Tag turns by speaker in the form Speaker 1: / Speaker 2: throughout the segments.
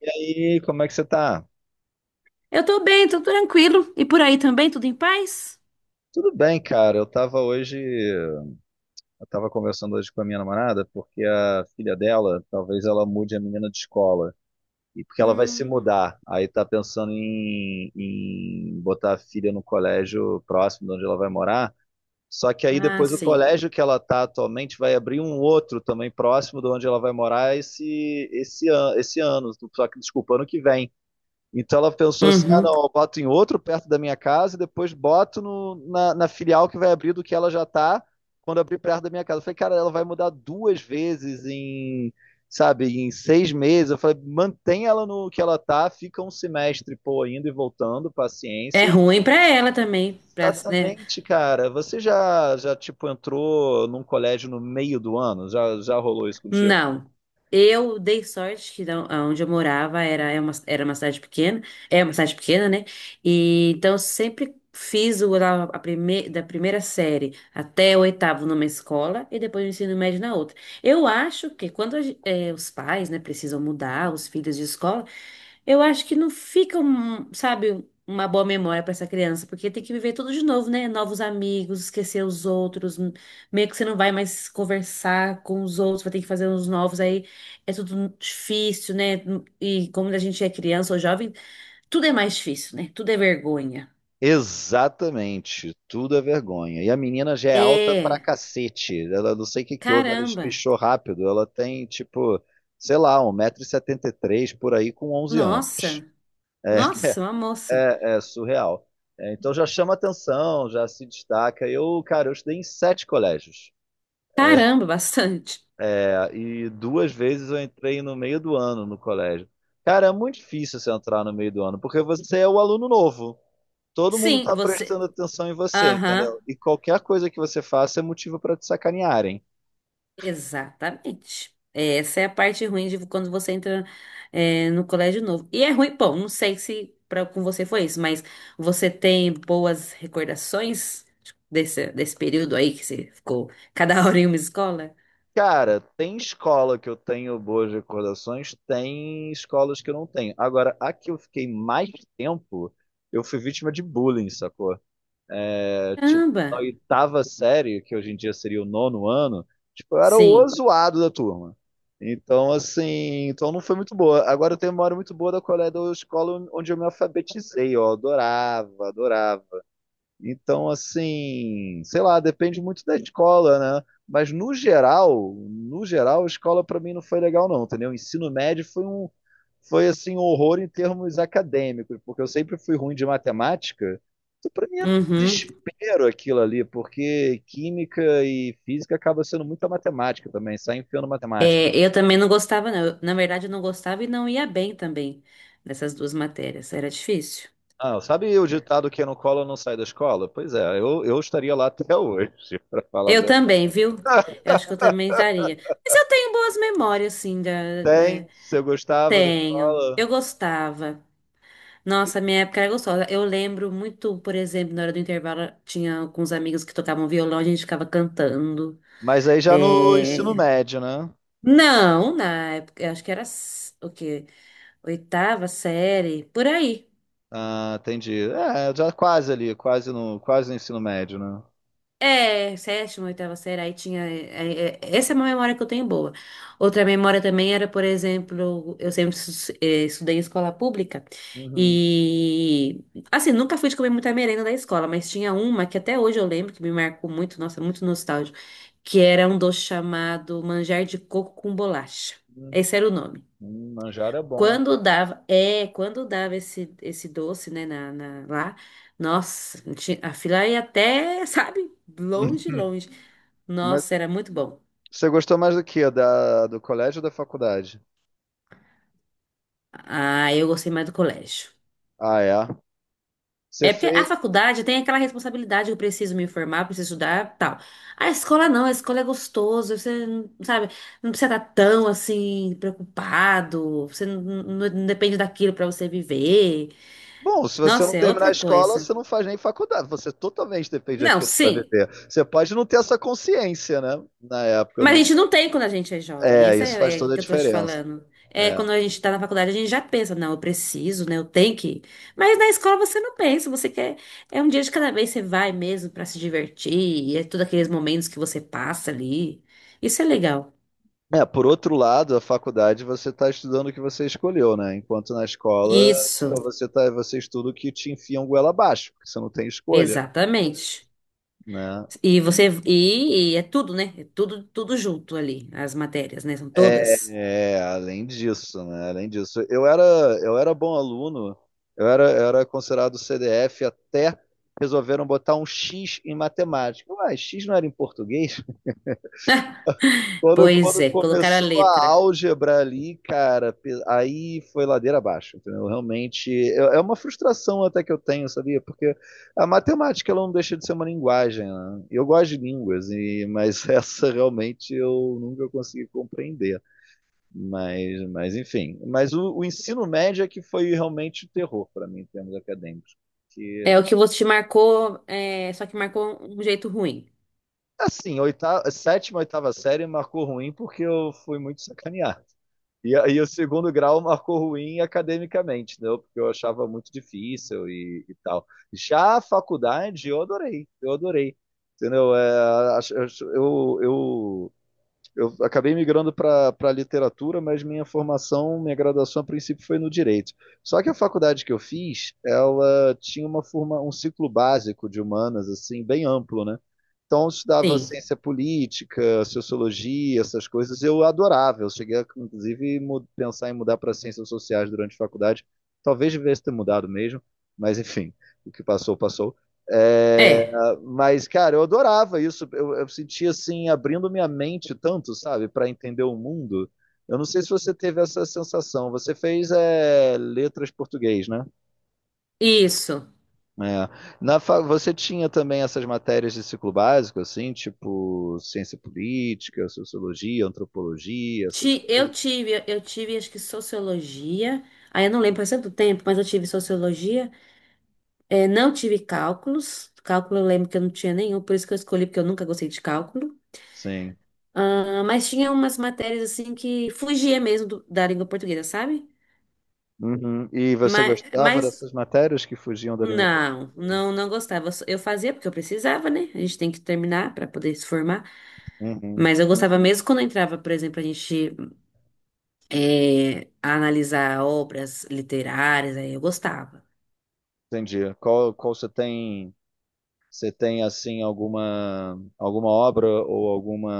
Speaker 1: E aí, como é que você tá?
Speaker 2: Eu tô bem, tô tranquilo. E por aí também, tudo em paz?
Speaker 1: Tudo bem, cara. Eu tava conversando hoje com a minha namorada, porque a filha dela, talvez ela mude a menina de escola. E porque ela vai se
Speaker 2: Hum,
Speaker 1: mudar. Aí tá pensando em botar a filha no colégio próximo de onde ela vai morar. Só que aí
Speaker 2: ah,
Speaker 1: depois o
Speaker 2: sim.
Speaker 1: colégio que ela tá atualmente vai abrir um outro também próximo de onde ela vai morar esse ano. Só que, desculpa, ano que vem. Então ela pensou assim: ah,
Speaker 2: Uhum.
Speaker 1: não, eu boto em outro perto da minha casa e depois boto na filial que vai abrir do que ela já tá quando abrir perto da minha casa. Eu falei, cara, ela vai mudar duas vezes sabe, em 6 meses. Eu falei, mantém ela no que ela tá, fica um semestre, pô, indo e voltando,
Speaker 2: É
Speaker 1: paciência.
Speaker 2: ruim pra ela também, pra, né?
Speaker 1: Exatamente, cara. Você já tipo, entrou num colégio no meio do ano? Já rolou isso contigo?
Speaker 2: Não. Eu dei sorte que onde eu morava era, era uma cidade pequena, é uma cidade pequena, né? E então eu sempre fiz o, a prime- da primeira série até o oitavo numa escola e depois o ensino médio na outra. Eu acho que quando os pais, né, precisam mudar os filhos de escola. Eu acho que não fica, um, sabe, uma boa memória pra essa criança, porque tem que viver tudo de novo, né? Novos amigos, esquecer os outros, meio que você não vai mais conversar com os outros, vai ter que fazer uns novos, aí é tudo difícil, né? E como a gente é criança ou jovem, tudo é mais difícil, né? Tudo é vergonha.
Speaker 1: Exatamente, tudo é vergonha. E a menina já é alta pra
Speaker 2: É,
Speaker 1: cacete. Ela não sei o que que houve, ela
Speaker 2: caramba.
Speaker 1: espichou rápido. Ela tem, tipo, sei lá, 1,73 m por aí com 11 anos.
Speaker 2: Nossa, nossa, uma
Speaker 1: É,
Speaker 2: moça.
Speaker 1: é surreal. É, então já chama atenção, já se destaca. Eu, cara, eu estudei em sete colégios.
Speaker 2: Caramba, bastante.
Speaker 1: É, e duas vezes eu entrei no meio do ano no colégio. Cara, é muito difícil você entrar no meio do ano, porque você é o aluno novo. Todo mundo
Speaker 2: Sim,
Speaker 1: está
Speaker 2: você.
Speaker 1: prestando atenção em você,
Speaker 2: Aham.
Speaker 1: entendeu? E qualquer coisa que você faça é motivo para te sacanearem.
Speaker 2: Exatamente. É, essa é a parte ruim de quando você entra, é, no colégio novo. E é ruim, bom, não sei se pra, com você foi isso, mas você tem boas recordações desse período aí que você ficou cada hora em uma escola?
Speaker 1: Cara, tem escola que eu tenho boas recordações, tem escolas que eu não tenho. Agora, a que eu fiquei mais tempo, eu fui vítima de bullying, sacou? É, tipo,
Speaker 2: Caramba!
Speaker 1: na oitava série, que hoje em dia seria o nono ano, tipo, eu era o
Speaker 2: Sim.
Speaker 1: zoado da turma. Então, assim, então não foi muito boa. Agora eu tenho memória muito boa da colé da escola onde eu me alfabetizei, ó, adorava, adorava. Então, assim, sei lá, depende muito da escola, né? Mas no geral, no geral, a escola para mim não foi legal não, entendeu? O ensino médio foi assim um horror em termos acadêmicos, porque eu sempre fui ruim de matemática. Então, para mim era um
Speaker 2: Uhum.
Speaker 1: desespero aquilo ali, porque química e física acaba sendo muita matemática também, sai enfiando matemática.
Speaker 2: É, eu também não gostava, não. Eu, na verdade, eu não gostava e não ia bem também nessas duas matérias. Era difícil.
Speaker 1: Ah, sabe o ditado que não cola não sai da escola? Pois é, eu estaria lá até hoje, para falar a
Speaker 2: Eu
Speaker 1: verdade.
Speaker 2: também, viu? Eu acho que eu também estaria. Mas eu tenho boas memórias, assim, da, é,
Speaker 1: Tem, se eu gostava da
Speaker 2: tenho.
Speaker 1: escola, o
Speaker 2: Eu
Speaker 1: que
Speaker 2: gostava. Nossa, minha época era gostosa. Eu lembro muito, por exemplo, na hora do intervalo, tinha alguns amigos que tocavam violão, a gente ficava cantando.
Speaker 1: Mas aí já no ensino
Speaker 2: É,
Speaker 1: médio, né?
Speaker 2: não, na época, eu acho que era o quê? Oitava série, por aí.
Speaker 1: Ah, entendi. É, já quase ali, quase no ensino médio, né?
Speaker 2: É, sétima, oitava série, aí tinha. Essa é uma memória que eu tenho boa. Outra memória também era, por exemplo, eu sempre estudei em escola pública
Speaker 1: Uhum.
Speaker 2: e. Assim, nunca fui de comer muita merenda da escola, mas tinha uma que até hoje eu lembro, que me marcou muito, nossa, muito nostálgico, que era um doce chamado manjar de coco com bolacha.
Speaker 1: Uhum.
Speaker 2: Esse era o nome.
Speaker 1: Manjar é bom.
Speaker 2: Quando dava, é, quando dava esse doce, né, lá, nossa, ti- a fila ia até, sabe, longe, longe.
Speaker 1: Mas
Speaker 2: Nossa, era muito bom.
Speaker 1: você gostou mais do que? Da, do colégio ou da faculdade?
Speaker 2: Ah, eu gostei mais do colégio.
Speaker 1: Ah, é. Você
Speaker 2: É porque a
Speaker 1: fez.
Speaker 2: faculdade tem aquela responsabilidade, eu preciso me informar, preciso estudar, tal. A escola não, a escola é gostoso, você, não- sabe, não precisa estar tão, assim, preocupado, você não depende daquilo para você viver.
Speaker 1: Bom, se você não
Speaker 2: Nossa, é
Speaker 1: terminar a
Speaker 2: outra
Speaker 1: escola,
Speaker 2: coisa.
Speaker 1: você não faz nem faculdade. Você totalmente depende
Speaker 2: Não,
Speaker 1: daquilo para
Speaker 2: sim.
Speaker 1: viver. Você pode não ter essa consciência, né? Na época, eu
Speaker 2: Mas a
Speaker 1: não.
Speaker 2: gente não tem quando a gente é jovem.
Speaker 1: É,
Speaker 2: Essa
Speaker 1: isso faz
Speaker 2: é, é
Speaker 1: toda a
Speaker 2: que eu tô te
Speaker 1: diferença.
Speaker 2: falando. É,
Speaker 1: É.
Speaker 2: quando a gente tá na faculdade, a gente já pensa, não, eu preciso, né? Eu tenho que ir. Mas na escola você não pensa, você quer. É um dia de cada vez, você vai mesmo pra se divertir, e é todos aqueles momentos que você passa ali. Isso é legal.
Speaker 1: É, por outro lado, a faculdade você está estudando o que você escolheu, né? Enquanto na escola,
Speaker 2: Isso,
Speaker 1: então você tá, você estuda o que te enfiam goela abaixo, porque você não tem escolha,
Speaker 2: exatamente.
Speaker 1: né?
Speaker 2: E é tudo, né? É tudo tudo junto ali, as matérias, né? São
Speaker 1: É,
Speaker 2: todas.
Speaker 1: é, além disso, né? Além disso, eu era bom aluno, eu era considerado CDF até resolveram botar um X em matemática. Ué, X não era em português? Quando,
Speaker 2: Pois
Speaker 1: quando
Speaker 2: é, colocaram a
Speaker 1: começou
Speaker 2: letra.
Speaker 1: a álgebra ali, cara, pe- aí foi ladeira abaixo, entendeu? Realmente, é uma frustração até que eu tenho, sabia? Porque a matemática, ela não deixa de ser uma linguagem, né? Eu gosto de línguas, e, mas essa realmente eu nunca consegui compreender. Mas enfim. Mas o ensino médio é que foi realmente o terror para mim, em termos acadêmicos. Que,
Speaker 2: É o que você te marcou, é, só que marcou um jeito ruim.
Speaker 1: assim, oitava, sétima, oitava série marcou ruim porque eu fui muito sacaneado. E aí o segundo grau marcou ruim academicamente, né? Porque eu achava muito difícil e tal. Já a faculdade eu adorei, eu adorei. Entendeu? É, eu acabei migrando para a literatura, mas minha formação, minha graduação a princípio foi no direito. Só que a faculdade que eu fiz, ela tinha uma forma, um ciclo básico de humanas assim bem amplo, né? Então eu estudava
Speaker 2: Sim.
Speaker 1: ciência política, sociologia, essas coisas, eu adorava. Eu cheguei a, inclusive mu- pensar em mudar para ciências sociais durante a faculdade. Talvez devesse ter mudado mesmo, mas enfim, o que passou, passou. É,
Speaker 2: É,
Speaker 1: ah, mas, cara, eu adorava isso. Eu sentia assim, abrindo minha mente tanto, sabe, para entender o mundo. Eu não sei se você teve essa sensação. Você fez é, letras português, né?
Speaker 2: isso.
Speaker 1: É. Na fa- Você tinha também essas matérias de ciclo básico, assim, tipo ciência política, sociologia, antropologia, essas coisas?
Speaker 2: Eu tive acho que sociologia. Aí eu não lembro, faz tanto tempo, mas eu tive sociologia. É, não tive cálculos. Cálculo eu lembro que eu não tinha nenhum, por isso que eu escolhi, porque eu nunca gostei de cálculo.
Speaker 1: Sim.
Speaker 2: Ah, mas tinha umas matérias assim que fugia mesmo da língua portuguesa, sabe?
Speaker 1: Uhum. E você
Speaker 2: Mas,
Speaker 1: gostava
Speaker 2: mas
Speaker 1: dessas matérias que fugiam da língua portuguesa?
Speaker 2: não, não, não gostava. Eu fazia porque eu precisava, né? A gente tem que terminar para poder se formar.
Speaker 1: Uhum.
Speaker 2: Mas eu gostava mesmo quando eu entrava, por exemplo, a gente. É, a analisar obras literárias, aí eu gostava.
Speaker 1: Entendi. Qual, qual você tem Você tem assim alguma obra ou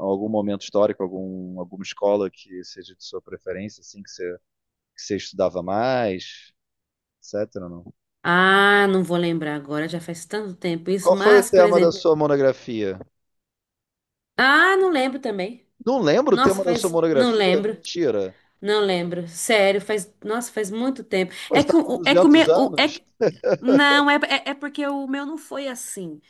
Speaker 1: algum momento histórico, alguma escola que seja de sua preferência, assim que você estudava mais, etc. Não?
Speaker 2: Ah, não vou lembrar agora, já faz tanto tempo isso,
Speaker 1: Qual foi o
Speaker 2: mas, por
Speaker 1: tema da
Speaker 2: exemplo,
Speaker 1: sua monografia?
Speaker 2: ah, não lembro também.
Speaker 1: Não lembro o
Speaker 2: Nossa,
Speaker 1: tema da sua
Speaker 2: faz, não
Speaker 1: monografia?
Speaker 2: lembro,
Speaker 1: Mentira.
Speaker 2: não lembro, sério, faz, nossa, faz muito tempo.
Speaker 1: Pô,
Speaker 2: É
Speaker 1: você
Speaker 2: que
Speaker 1: está com
Speaker 2: o- é que o meu,
Speaker 1: 200
Speaker 2: o- é
Speaker 1: anos?
Speaker 2: que, não, é, é é porque o meu não foi assim.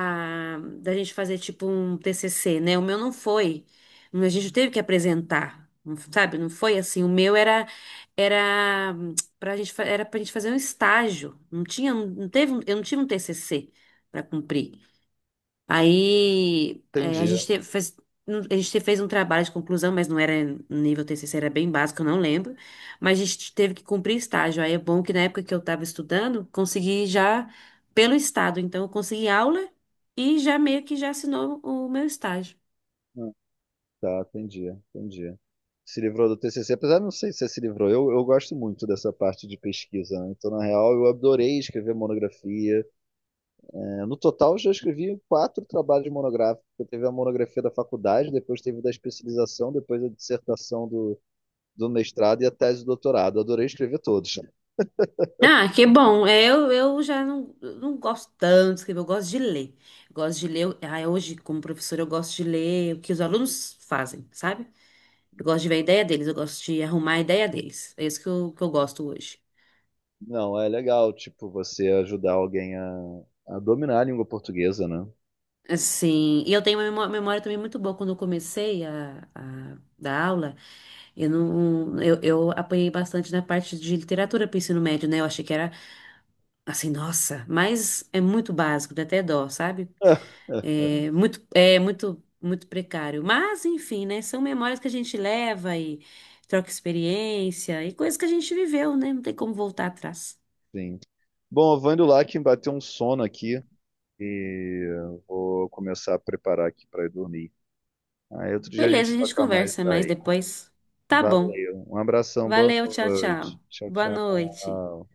Speaker 2: Da gente fazer tipo um TCC, né? O meu não foi, a gente teve que apresentar, não- sabe? Não foi assim. O meu era era era para gente fazer um estágio. Não tinha, não teve, um- eu não tive um TCC para cumprir. Aí é,
Speaker 1: Entendi.
Speaker 2: fez, não- fez um trabalho de conclusão, mas não era nível TCC, era bem básico, eu não lembro. Mas a gente teve que cumprir estágio. Aí é bom que na época que eu estava estudando, consegui já pelo estado. Então eu consegui aula e já meio que já assinou o meu estágio.
Speaker 1: Hum, Tá, entendi, entendi. Se livrou do TCC, apesar de não sei se você se livrou. Eu gosto muito dessa parte de pesquisa, né? Então, na real, eu adorei escrever monografia. É, no total, eu já escrevi quatro trabalhos monográficos. Eu teve a monografia da faculdade, depois teve da especialização, depois a dissertação do mestrado e a tese do doutorado. Eu adorei escrever todos.
Speaker 2: Ah, que bom. É, eu já não, eu não gosto tanto de escrever, eu gosto de ler. Gosto de ler. Ah, hoje, como professora, eu gosto de ler o que os alunos fazem, sabe? Eu gosto de ver a ideia deles, eu gosto de arrumar a ideia deles. É isso que que eu gosto hoje.
Speaker 1: Não, é legal, tipo, você ajudar alguém a dominar a língua portuguesa, né?
Speaker 2: Assim, e eu tenho uma memória também muito boa. Quando eu comecei a dar aula, eu não, eu apanhei bastante na parte de literatura para o ensino médio, né? Eu achei que era assim, nossa, mas é muito básico, dá até dó, sabe? Hum. Muito precário. Mas, enfim, né? São memórias que a gente leva e troca experiência e coisas que a gente viveu, né? Não tem como voltar atrás.
Speaker 1: Sim. Bom, eu vou indo lá que bateu um sono aqui e eu vou começar a preparar aqui para ir dormir. Aí outro dia a
Speaker 2: Beleza,
Speaker 1: gente
Speaker 2: a gente
Speaker 1: toca mais
Speaker 2: conversa mais
Speaker 1: daí.
Speaker 2: depois. Tá bom.
Speaker 1: Valeu. Um abração, boa
Speaker 2: Valeu, tchau, tchau.
Speaker 1: noite. Tchau,
Speaker 2: Boa noite.
Speaker 1: tchau.